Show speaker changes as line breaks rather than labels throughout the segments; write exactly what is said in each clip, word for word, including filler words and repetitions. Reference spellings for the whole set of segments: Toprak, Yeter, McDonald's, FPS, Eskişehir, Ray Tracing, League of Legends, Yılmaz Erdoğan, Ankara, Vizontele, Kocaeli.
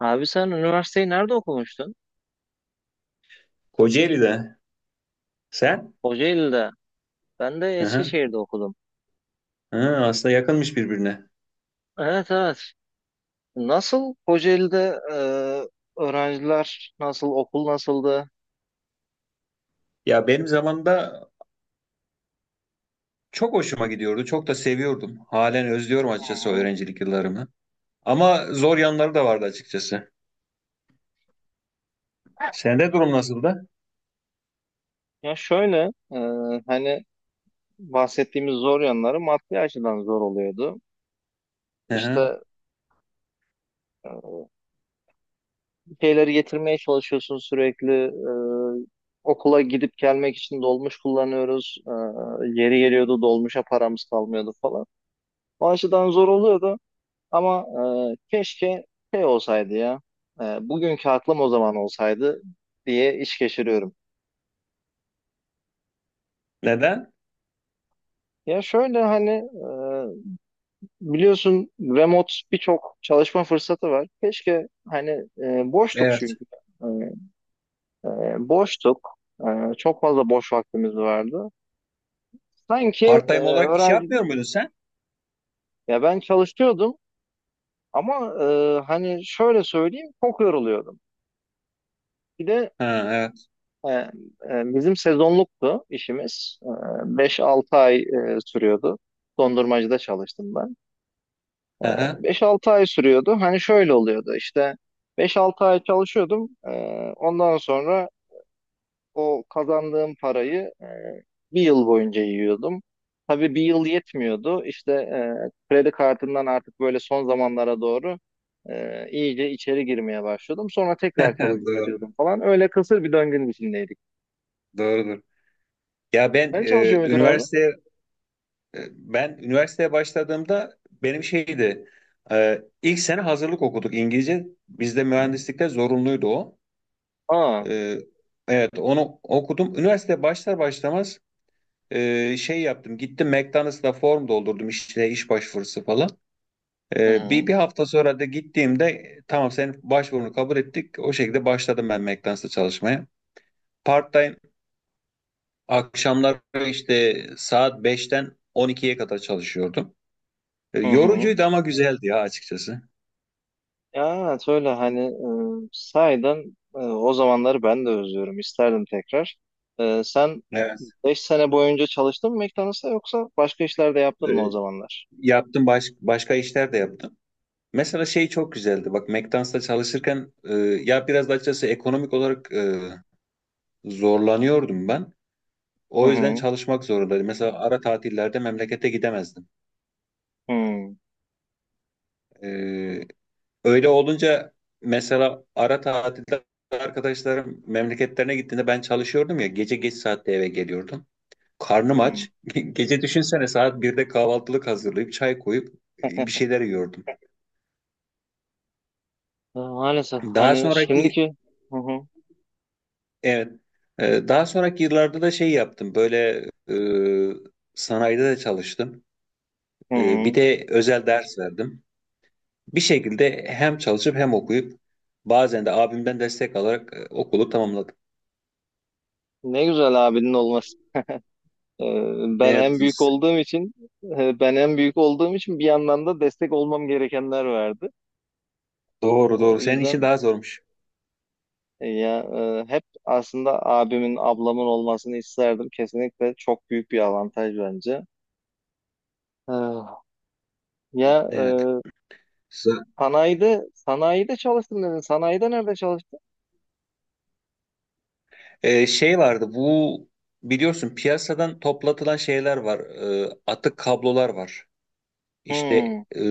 Abi sen üniversiteyi nerede okumuştun?
Kocaeli'de. Sen?
Kocaeli'de. Ben de
Hı hı.
Eskişehir'de okudum.
Hı, aslında yakınmış birbirine.
Evet, evet. Nasıl Kocaeli'de e, öğrenciler nasıl, okul nasıldı?
Ya benim zamanımda çok hoşuma gidiyordu. Çok da seviyordum. Halen özlüyorum
Hı
açıkçası o
hı.
öğrencilik yıllarımı. Ama zor yanları da vardı açıkçası. Sende durum nasıldı?
Ya şöyle, e, hani bahsettiğimiz zor yanları maddi açıdan zor oluyordu.
Hı hı.
İşte e, bir şeyleri getirmeye çalışıyorsun sürekli. E, okula gidip gelmek için dolmuş kullanıyoruz. E, yeri geliyordu, dolmuşa paramız kalmıyordu falan. O açıdan zor oluyordu. Ama e, keşke şey olsaydı ya. E, bugünkü aklım o zaman olsaydı diye iş geçiriyorum.
Neden?
Ya şöyle hani e, biliyorsun remote birçok çalışma fırsatı var. Keşke hani e, boştuk
Evet.
çünkü. E, e, Boştuk. E, çok fazla boş vaktimiz vardı. Sanki e,
Part-time olarak iş
öğrenci,
yapmıyor muydun sen?
ya ben çalışıyordum ama e, hani şöyle söyleyeyim, çok yoruluyordum. Bir de
Ha, evet.
E, e, bizim sezonluktu işimiz. E, beş altı ay e, sürüyordu. Dondurmacıda çalıştım ben.
Hı hı.
Beş altı ay sürüyordu. Hani şöyle oluyordu, işte beş altı ay çalışıyordum. E, ondan sonra o kazandığım parayı e, bir yıl boyunca yiyordum. Tabii bir yıl yetmiyordu. İşte e, kredi kartından artık böyle son zamanlara doğru e, iyice içeri girmeye başlıyordum. Sonra tekrar çalışıp
Doğru,
ödüyordum falan. Öyle kısır bir döngünün içindeydik.
doğrudur. Ya ben
Sen
e,
çalışıyor muydun abi?
üniversiteye e, ben üniversiteye başladığımda benim şeydi. e, ilk sene hazırlık okuduk İngilizce. Bizde mühendislikte zorunluydu o.
Aa.
Ee, evet onu okudum. Üniversite başlar başlamaz e, şey yaptım. Gittim McDonald's'ta form doldurdum işte iş başvurusu falan.
Hı
Ee, bir,
hı.
bir hafta sonra da gittiğimde tamam senin başvurunu kabul ettik. O şekilde başladım ben McDonald's'ta çalışmaya. Part-time akşamlar işte saat beşten on ikiye kadar çalışıyordum. Ee,
Hı hı.
yorucuydu ama güzeldi ya açıkçası.
Ya evet, öyle hani e, sahiden e, o zamanları ben de özlüyorum. İsterdim tekrar. E, sen
Evet.
beş sene boyunca çalıştın mı McDonald's'ta, yoksa başka işler de
Ee,
yaptın mı o zamanlar?
yaptım baş, Başka işler de yaptım. Mesela şey çok güzeldi. Bak McDonald's'ta çalışırken e, ya biraz da açıkçası ekonomik olarak e, zorlanıyordum ben.
Hı
O yüzden
hı.
çalışmak zorundaydım. Mesela ara tatillerde memlekete gidemezdim.
Hı
E, Öyle olunca mesela ara tatilde arkadaşlarım memleketlerine gittiğinde ben çalışıyordum ya gece geç saatte eve geliyordum. Karnım
hı.
aç. Gece düşünsene saat birde kahvaltılık hazırlayıp çay koyup e, bir şeyler yiyordum.
E, Maalesef
Daha
hani
sonraki
şimdiki hı hı.
Evet. Ee, Daha sonraki yıllarda da şey yaptım. Böyle e, sanayide de çalıştım.
Hı
E, bir
hı.
de özel ders verdim. Bir şekilde hem çalışıp hem okuyup bazen de abimden destek alarak e, okulu tamamladım.
Ne güzel abinin olması. E, Ben
Evet.
en büyük
biz-
olduğum için e, ben en büyük olduğum için bir yandan da destek olmam gerekenler vardı.
Doğru doğru.
O
Senin için
yüzden.
daha zormuş.
Ya e, hep aslında abimin, ablamın olmasını isterdim. Kesinlikle çok büyük bir avantaj bence. Ee, Ya
Evet.
e,
Sa-
sanayide, sanayide çalıştım dedin. Sanayide nerede çalıştın?
E, şey vardı bu biliyorsun piyasadan toplatılan şeyler var. E, atık kablolar var. İşte
Hmm.
e,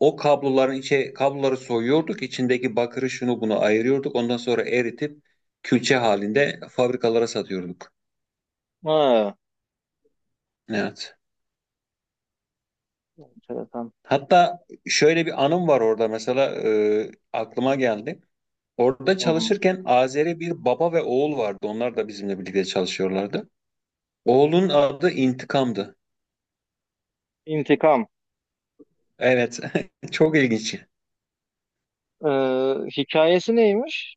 o kabloların içe kabloları soyuyorduk, içindeki bakırı şunu bunu ayırıyorduk. Ondan sonra eritip külçe halinde fabrikalara satıyorduk.
Ha.
Evet.
Enteresan.
Hatta şöyle bir anım var orada mesela e, aklıma geldi. Orada
Hı hı.
çalışırken Azeri bir baba ve oğul vardı. Onlar da bizimle birlikte çalışıyorlardı. Oğlun adı İntikam'dı.
İntikam.
Evet, çok ilginç.
Ee, Hikayesi neymiş?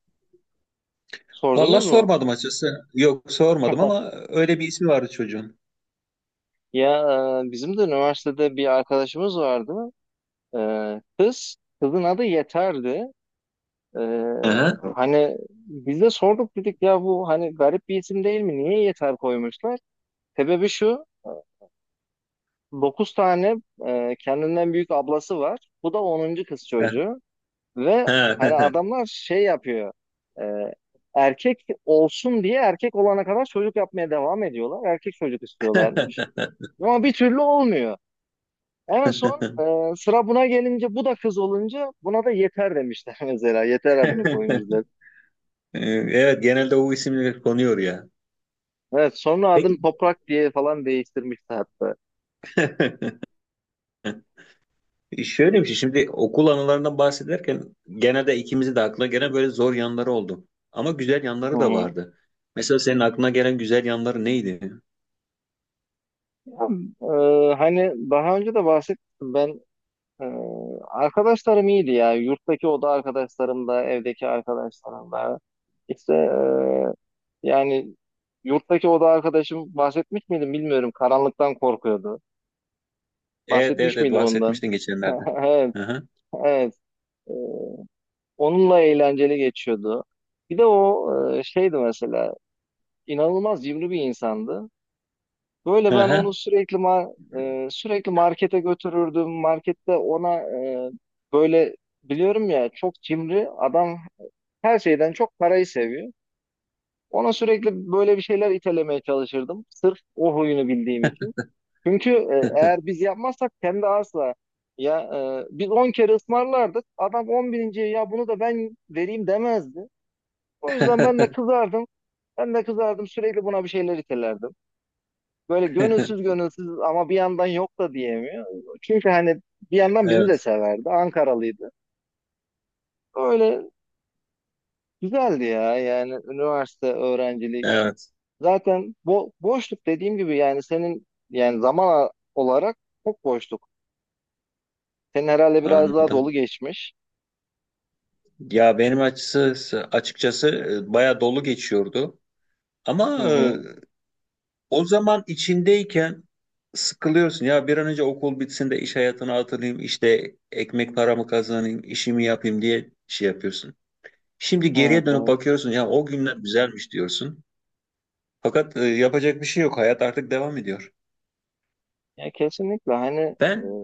Vallahi
Sordunuz mu?
sormadım açıkçası. Yok sormadım ama öyle bir ismi vardı çocuğun.
Ya e, bizim de üniversitede bir arkadaşımız vardı. Ee, kız, kızın adı Yeter'di. Ee,
Hı
Hani biz de sorduk, dedik ya, bu hani garip bir isim değil mi? Niye Yeter koymuşlar? Sebebi şu. Dokuz tane e, kendinden büyük ablası var. Bu da onuncu kız çocuğu. Ve hani
hı.
adamlar şey yapıyor. e, Erkek olsun diye erkek olana kadar çocuk yapmaya devam ediyorlar. Erkek çocuk istiyorlarmış. Ama bir türlü olmuyor. En son e, sıra buna gelince, bu da kız olunca buna da Yeter demişler mesela. Yeter adını koymuşlar.
Evet genelde o isimler konuyor ya.
Evet, sonra adını
Peki
Toprak diye falan değiştirmişti hatta.
şöyle bir şey şimdi okul anılarından bahsederken genelde ikimizi de aklına gelen böyle zor yanları oldu. Ama güzel
Hı
yanları da
hı.
vardı. Mesela senin aklına gelen güzel yanları neydi?
Ee, hani daha önce de bahsettim, ben e, arkadaşlarım iyiydi ya. Yurttaki oda arkadaşlarım da, evdeki arkadaşlarım da. İşte e, yani yurttaki oda arkadaşım, bahsetmiş miydim bilmiyorum, karanlıktan korkuyordu.
Evet evet,
Bahsetmiş
evet
miydim ondan?
bahsetmiştin geçenlerde.
Evet,
Hı hı.
evet. Ee, Onunla eğlenceli geçiyordu. Bir de o e, şeydi mesela, inanılmaz cimri bir insandı. Böyle
Hı
ben onu
hı.
sürekli ma- e, sürekli markete götürürdüm. Markette ona e, böyle, biliyorum ya çok cimri adam, her şeyden çok parayı seviyor. Ona sürekli böyle bir şeyler itelemeye çalışırdım, sırf o huyunu bildiğim için. Çünkü e, eğer biz yapmazsak kendi asla, ya e, biz on kere ısmarlardık. Adam on birinci ya bunu da ben vereyim demezdi. O yüzden ben de kızardım. Ben de kızardım, sürekli buna bir şeyler itelerdim, böyle gönülsüz gönülsüz, ama bir yandan yok da diyemiyor. Çünkü hani bir yandan bizi de
Evet
severdi. Ankaralıydı. Öyle güzeldi ya, yani üniversite öğrencilik.
evet,
Zaten bo boşluk dediğim gibi, yani senin yani zaman olarak çok boşluk. Senin herhalde biraz daha dolu
anladım.
geçmiş.
Ya benim açısı açıkçası e, bayağı dolu geçiyordu.
Hı
Ama e,
hı.
O zaman içindeyken sıkılıyorsun ya bir an önce okul bitsin de iş hayatına atılayım işte ekmek paramı kazanayım işimi yapayım diye şey yapıyorsun. Şimdi
Evet,
geriye dönüp
evet.
bakıyorsun ya o günler güzelmiş diyorsun. Fakat e, yapacak bir şey yok hayat artık devam ediyor.
Ya kesinlikle hani e,
Ben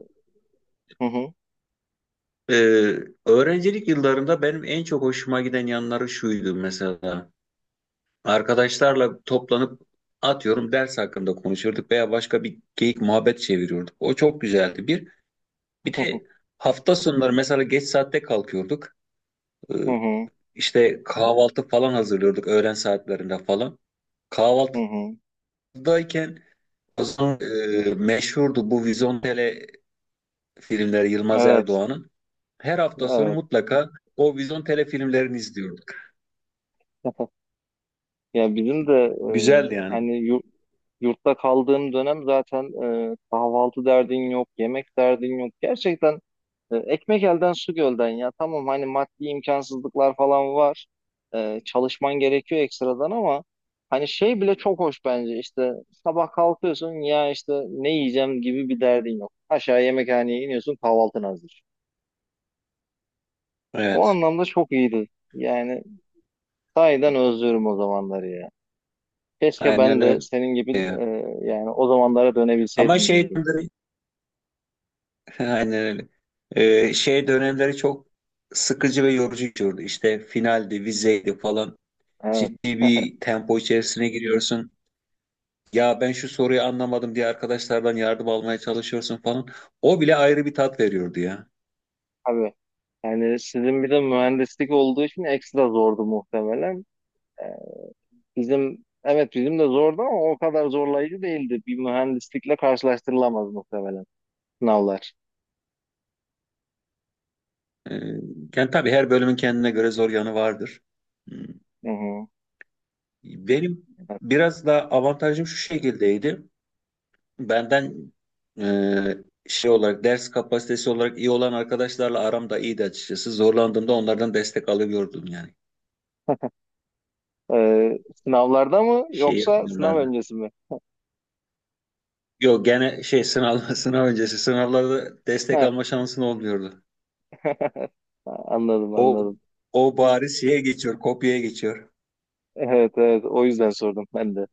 hı hı.
e, öğrencilik yıllarımda benim en çok hoşuma giden yanları şuydu mesela. Arkadaşlarla toplanıp atıyorum ders hakkında konuşurduk veya başka bir geyik muhabbet çeviriyorduk. O çok güzeldi. Bir Bir de hafta sonları mesela geç saatte kalkıyorduk. Ee,
Hı hı. Hı hı.
işte kahvaltı falan hazırlıyorduk öğlen saatlerinde falan.
Hı hı.
Kahvaltıdayken o zaman e, meşhurdu bu Vizontele filmleri Yılmaz
Evet.
Erdoğan'ın. Her hafta sonu
Evet.
mutlaka o Vizontele filmlerini izliyorduk.
Ya bizim de
Güzeldi
e,
yani.
hani yur- yurtta kaldığım dönem zaten e, kahvaltı derdin yok, yemek derdin yok. Gerçekten e, ekmek elden su gölden ya. Tamam, hani maddi imkansızlıklar falan var. E, çalışman gerekiyor ekstradan ama hani şey bile çok hoş bence. İşte sabah kalkıyorsun ya, işte ne yiyeceğim gibi bir derdin yok. Aşağı yemekhaneye iniyorsun, kahvaltın hazır. O
Evet.
anlamda çok iyiydi. Yani sahiden özlüyorum o zamanları ya. Keşke
Aynen
ben de
öyle.
senin gibi
Ee,
e, yani o zamanlara
Ama
dönebilseydim
şey
diyorum.
dönemleri, aynen öyle. Ee, şey dönemleri çok sıkıcı ve yorucu geçiyordu. İşte finaldi, vizeydi falan.
Evet.
Ciddi bir tempo içerisine giriyorsun. Ya ben şu soruyu anlamadım diye arkadaşlardan yardım almaya çalışıyorsun falan. O bile ayrı bir tat veriyordu ya.
Tabii. Yani sizin bir de mühendislik olduğu için ekstra zordu muhtemelen. Ee, Bizim evet, bizim de zordu ama o kadar zorlayıcı değildi. Bir mühendislikle karşılaştırılamaz muhtemelen sınavlar.
Ee, Yani tabii her bölümün kendine göre zor yanı vardır. Hmm.
Hı hı.
Benim
Evet.
biraz da avantajım şu şekildeydi. Benden e, şey olarak ders kapasitesi olarak iyi olan arkadaşlarla aram da iyiydi açıkçası. Zorlandığımda onlardan destek alıyordum yani.
Ee, Sınavlarda mı,
Şey
yoksa sınav
yapmıyorlardı.
öncesi mi?
Yok gene şey sınav sınav öncesi sınavlarda destek
Ha.
alma şansın olmuyordu.
Anladım,
O
anladım.
o bari şeye geçiyor, kopyaya geçiyor.
Evet, evet, o yüzden sordum ben de.